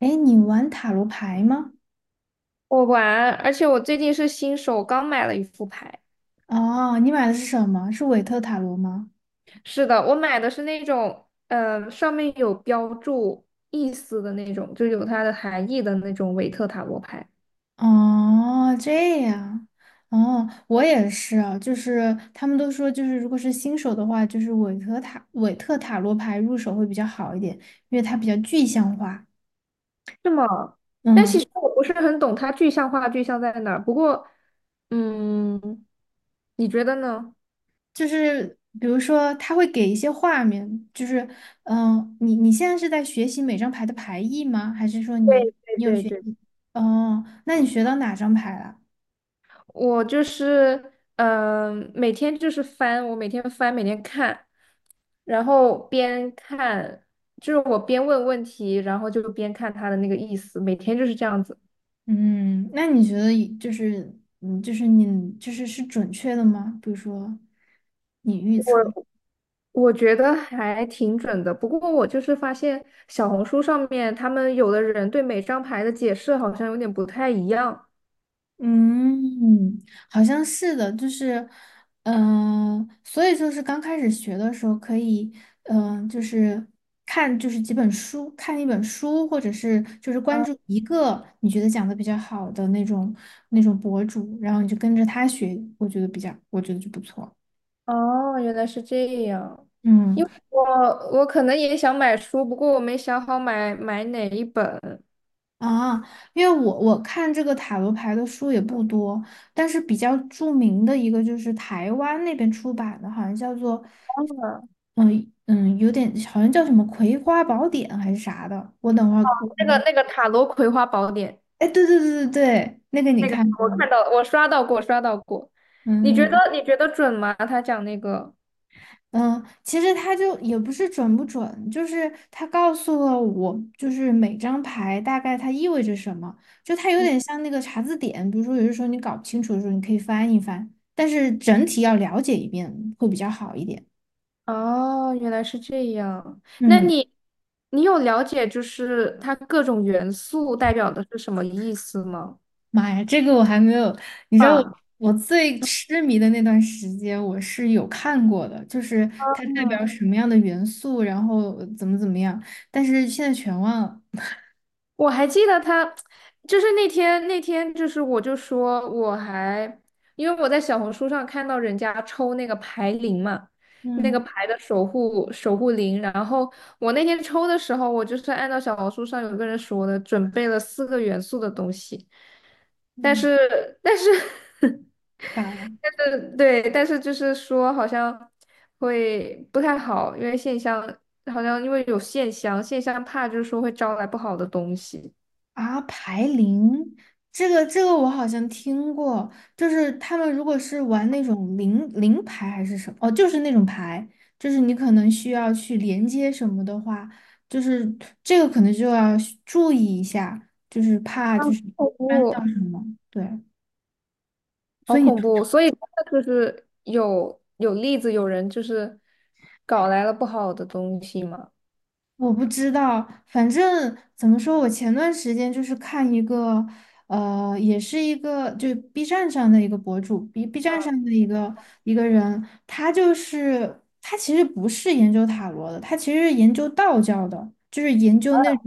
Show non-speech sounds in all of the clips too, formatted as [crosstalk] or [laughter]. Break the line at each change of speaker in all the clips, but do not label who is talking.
哎，你玩塔罗牌吗？
我玩，而且我最近是新手，刚买了一副牌。
哦，你买的是什么？是韦特塔罗吗？
是的，我买的是那种，上面有标注意思的那种，就有它的含义的那种韦特塔罗牌。
哦，这样。哦，我也是啊，就是他们都说，就是如果是新手的话，就是韦特塔罗牌入手会比较好一点，因为它比较具象化。
是吗？但其
嗯，
实我不是很懂它具象化具象在哪儿。不过，嗯，你觉得呢？
就是比如说，它会给一些画面，你现在是在学习每张牌的牌意吗？还是说你。
对对对对。
哦，那你学到哪张牌了？
我就是，每天就是翻，我每天翻，每天看，然后边看，就是我边问问题，然后就边看他的那个意思，每天就是这样子。
嗯，那你觉得以就是嗯，就是你是准确的吗？比如说你预测。
我我觉得还挺准的，不过我就是发现小红书上面他们有的人对每张牌的解释好像有点不太一样。
嗯，好像是的，就是所以就是刚开始学的时候可以就是看就是几本书，看一本书，或者是就是关
嗯
注一个你觉得讲的比较好的那种博主，然后你就跟着他学，我觉得就不错。
哦，原来是这样。
嗯。
因为我可能也想买书，不过我没想好买哪一本。
啊，因为我看这个塔罗牌的书也不多，但是比较著名的一个就是台湾那边出版的，好像叫做嗯，有点好像叫什么《葵花宝典》还是啥的。我等会儿我。
那个塔罗葵花宝典，
哎，对对对对对，那个你
那个
看过
我
吗？
看到我刷到过，你觉
嗯。
得你觉得准吗？他讲那个，
嗯，其实他就也不是准不准，就是他告诉了我，就是每张牌大概它意味着什么，就它有
嗯
点像那个查字典，比如说有的时候你搞不清楚的时候，你可以翻一翻，但是整体要了解一遍会比较好一点。
哦，原来是这样。那
嗯，
你你有了解就是它各种元素代表的是什么意思吗？
妈呀，这个我还没有，你知道我
啊，
我最痴迷的那段时间，我是有看过的，就是它代表什么样的元素，然后怎么怎么样，但是现在全忘了。
我还记得他，就是那天，就是我就说我还，因为我在小红书上看到人家抽那个牌灵嘛，那
嗯
个牌的守护灵，然后我那天抽的时候，我就是按照小红书上有个人说的，准备了四个元素的东西，但
嗯。
是但是 [laughs] 但是对，但是就是说好像会不太好，因为线香好像因为有线香，线香怕就是说会招来不好的东西。
啊，牌灵，这个我好像听过，就是他们如果是玩那种灵牌还是什么，哦，就是那种牌，就是你可能需要去连接什么的话，就是这个可能就要需注意一下，就是怕
好
就是
恐
翻到
怖，
什么，对。所
好
以
恐怖！所以真的就是有例子，有人就是搞来了不好的东西嘛。
我不知道，反正怎么说，我前段时间就是看一个，也是一个就 B 站上的一个博主，B 站上的一个人，他就是他其实不是研究塔罗的，他其实是研究道教的，就是研究那种，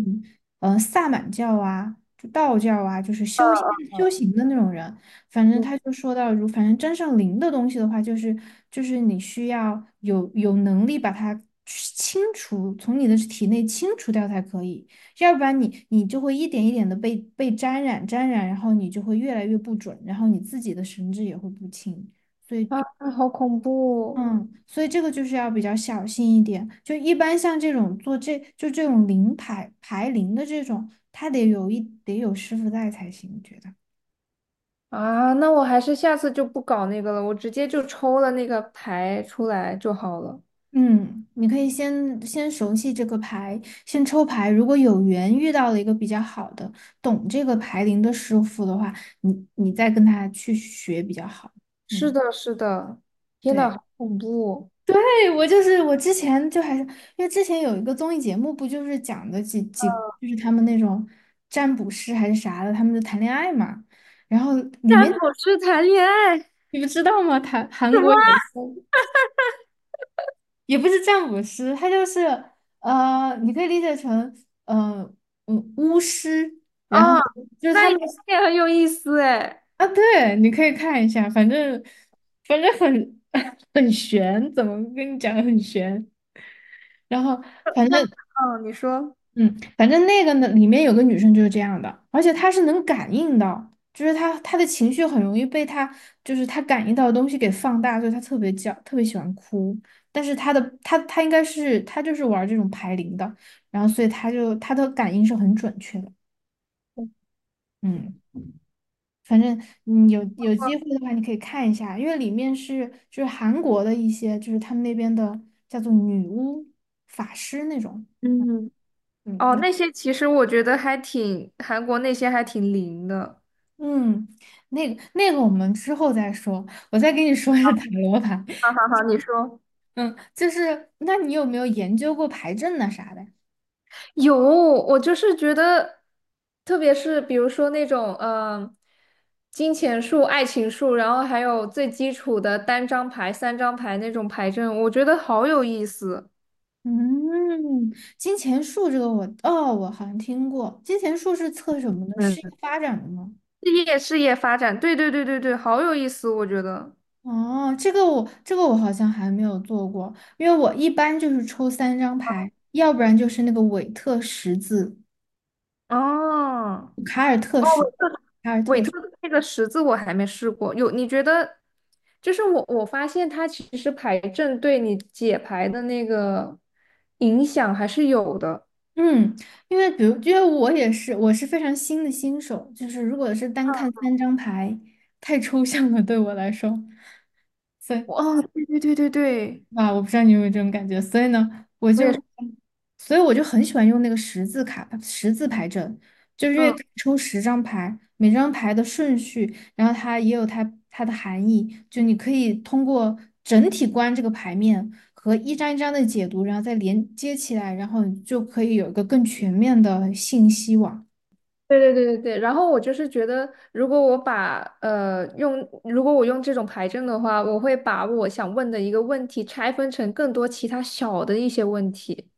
萨满教啊，就道教啊，就是修仙修行的那种人。反正
嗯，
他就说到，反正沾上灵的东西的话，就是你需要有能力把它清除，从你的体内清除掉才可以，要不然你就会一点一点的被沾染沾染，然后你就会越来越不准，然后你自己的神智也会不清，所以。
啊，好恐怖
嗯，所以这个就是要比较小心一点。就一般像这种就这种牌灵的这种，他得有师傅在才行，觉得。
啊！那我还是下次就不搞那个了，我直接就抽了那个牌出来就好了。
嗯，你可以先熟悉这个牌，先抽牌。如果有缘遇到了一个比较好的、懂这个牌灵的师傅的话，你再跟他去学比较好。
是
嗯，
的，是的，天呐，
对，
好恐怖！
对，我之前就还是因为之前有一个综艺节目，不就是讲的就是他们那种占卜师还是啥的，他们就谈恋爱嘛。然后里
占
面
卜师谈恋爱什
你不知道吗？谈韩国有
么
一个。也不是占卜师，他就是你可以理解成嗯巫师，然后
啊？
就是
那
他
也
们。
那也很有意思哎。
啊，对，你可以看一下，反正很 [laughs] 很玄，怎么跟你讲很玄，然后反
他
正
们，嗯，你说。
嗯，反正那个呢，里面有个女生就是这样的，而且她是能感应到，就是她的情绪很容易被她就是她感应到的东西给放大，所以她特别喜欢哭。但是她应该是她就是玩这种排灵的，然后所以她的感应是很准确的。嗯，反正有机会的话，你可以看一下，因为里面是就是韩国的一些就是他们那边的叫做女巫法师那种。
嗯哦，那
嗯，
些其实我觉得还挺，韩国那些还挺灵的。
嗯，那个，我们之后再说。我再跟你说一下塔罗牌。
好好好，你说。
嗯，就是，那你有没有研究过牌阵呐啥的？
有，我就是觉得，特别是比如说那种，金钱树、爱情树，然后还有最基础的单张牌、三张牌那种牌阵，我觉得好有意思。
嗯，金钱树这个我，哦，我好像听过。金钱树是测什么的？事业
嗯，
发展的吗？
事业发展，对对对对对，好有意思，我觉得。
哦，这个我好像还没有做过，因为我一般就是抽三张牌，要不然就是那个韦特十字、
哦，
卡尔特
哦，我
十字。
韦特的那个十字我还没试过，有你觉得？就是我发现它其实牌阵对你解牌的那个影响还是有的。
嗯，因为我也是，我是非常新的新手，就是如果是单看三张牌，太抽象了对我来说，所以
哦，对对对对对，
啊，我不知道你有没有这种感觉，所以呢，我
我也
就，
是，
所以我就很喜欢用那个十字牌阵，就是因为
嗯，
可以抽10张牌，每张牌的顺序，然后它也有它的含义，就你可以通过整体观这个牌面和一张一张的解读，然后再连接起来，然后你就可以有一个更全面的信息网。
对对对对对。然后我就是觉得，如果我把用，如果我用这种牌阵的话，我会把我想问的一个问题拆分成更多其他小的一些问题。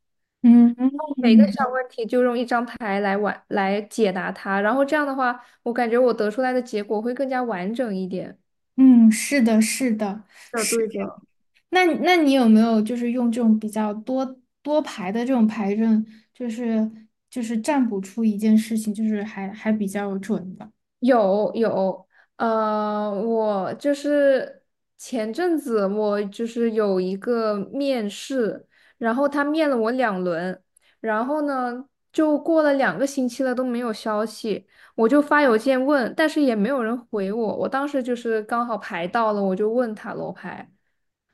嗯嗯
每个小问题就用一张牌来解答它，然后这样的话，我感觉我得出来的结果会更加完整一点。
嗯，是的，是的。
的，
是。
对的。
那你有没有就是用这种比较多排的这种排阵，就是就是占卜出一件事情，就是还比较准的？
有，我就是前阵子我就是有一个面试，然后他面了我2轮，然后呢就过了2个星期了都没有消息，我就发邮件问，但是也没有人回我，我当时就是刚好排到了，我就问塔罗牌。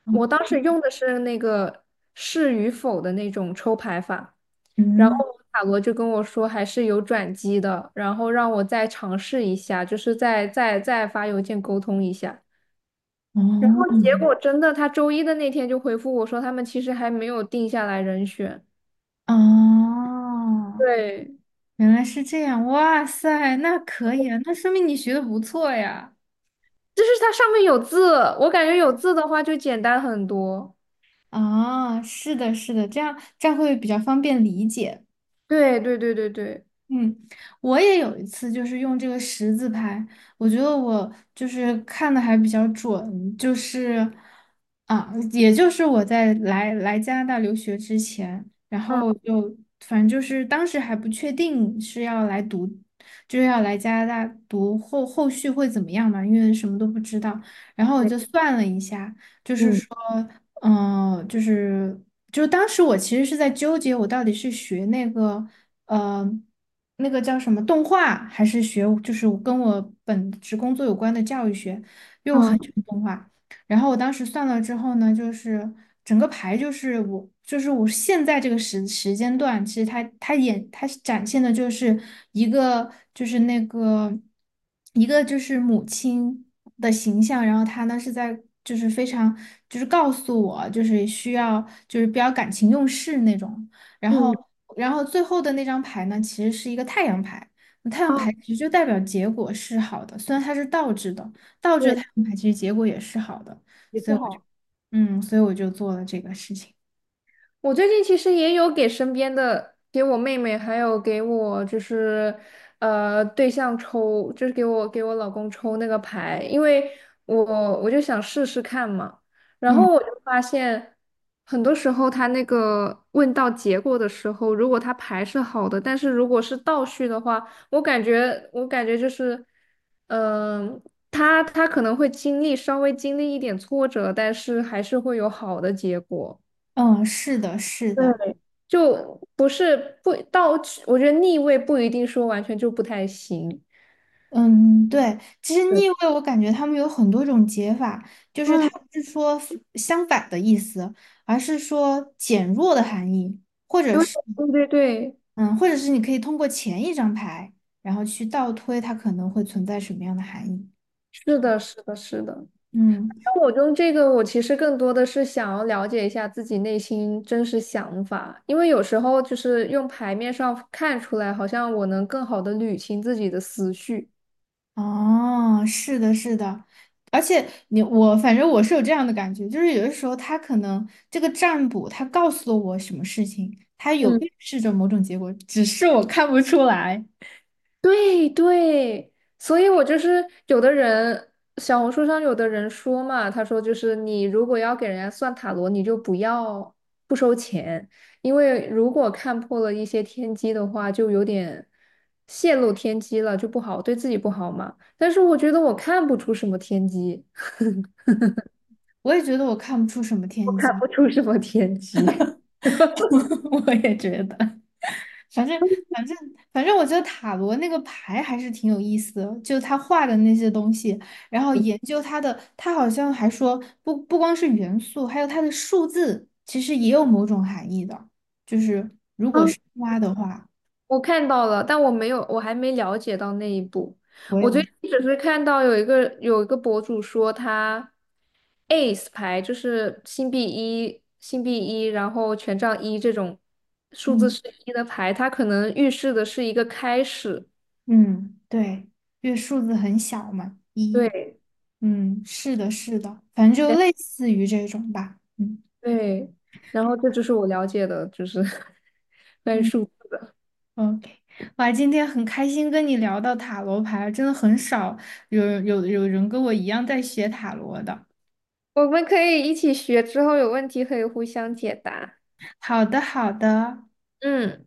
我当时用的是那个是与否的那种抽牌法，然后
嗯
塔罗就跟我说还是有转机的，然后让我再尝试一下，就是再发邮件沟通一下。然
嗯，
后结
哦
果真的，他周一的那天就回复我说，他们其实还没有定下来人选。
哦，
对，
原来是这样，哇塞，那可以啊，那说明你学的不错呀。
就是它上面有字，我感觉有字的话就简单很多。
啊，是的，是的，这样会比较方便理解。
对对对对对，
嗯，我也有一次就是用这个十字牌，我觉得我就是看的还比较准，就是啊，也就是我在来加拿大留学之前，然
嗯，
后就反正就是当时还不确定是要来读，就是要来加拿大读后续会怎么样嘛，因为什么都不知道，然后我
对，
就算了一下。
嗯
嗯，呃就是就是当时我其实是在纠结，我到底是学那个呃叫什么动画，还是学就是跟我本职工作有关的教育学，因为我很
嗯
喜欢动画。然后我当时算了之后呢，就是整个牌就是我现在这个时间段，其实它是展现的就是一个就是母亲的形象，然后她呢是在就是非常就是告诉我就是需要就是比较感情用事那种，然
嗯，
后最后的那张牌呢其实是一个太阳牌。太阳
哦，
牌其实就代表结果是好的，虽然它是倒置的，倒置的
对，
太阳牌其实结果也是好的。
也
所
是
以我就
好。
所以我就做了这个事情。
我最近其实也有给身边的，给我妹妹，还有给我就是，对象抽，就是给我老公抽那个牌，因为我我就想试试看嘛。然
嗯
后我就发现，很多时候他那个问到结果的时候，如果他牌是好的，但是如果是倒序的话，我感觉就是，嗯、他可能会经历稍微经历一点挫折，但是还是会有好的结果。
嗯，是的，是
对。
的，
就不是不到，我觉得逆位不一定说完全就不太行。
嗯，对。其实
对，
逆位，我感觉他们有很多种解法，就是它
嗯，
不是说相反的意思，而是说减弱的含义，或者是
对对对，
嗯，或者是你可以通过前一张牌，然后去倒推它可能会存在什么样的含义。
是的，是的，是的。
嗯。
那我用这个，我其实更多的是想要了解一下自己内心真实想法，因为有时候就是用牌面上看出来，好像我能更好的捋清自己的思绪。
哦，是的，是的，而且我反正是有这样的感觉，就是有的时候他可能这个占卜他告诉了我什么事情，他有
嗯。
预示着某种结果，只是我看不出来。
对对，所以我就是有的人，小红书上有的人说嘛，他说就是你如果要给人家算塔罗，你就不要不收钱，因为如果看破了一些天机的话，就有点泄露天机了，就不好，对自己不好嘛。但是我觉得我看不出什么天机，[laughs]
我也觉得我看不出什么
我
天
看
机，
不出什么天机。
[laughs] 我也觉得。反正反正反正，我觉得塔罗那个牌还是挺有意思的，就他画的那些东西，然后研究它的，他好像还说不光是元素，还有它的数字，其实也有某种含义的。就是
[laughs]
挖的话，
我看到了，但我没有，我还没了解到那一步。
我
我最
也。
近只是看到有一个博主说他 ace 牌就是星币一，然后权杖一这种数字
嗯
是一的牌，它可能预示的是一个开始。
嗯，对，因为数字很小嘛，一，
对，
嗯，是的，是的，反正
对，
就类似于这种吧，嗯。
对然后这就是我了解的，就是 [laughs] 关于
嗯。
数字。
OK，哇，今天很开心跟你聊到塔罗牌，真的很少有人跟我一样在学塔罗的。
我们可以一起学，之后有问题可以互相解答。
好的，好的。
嗯。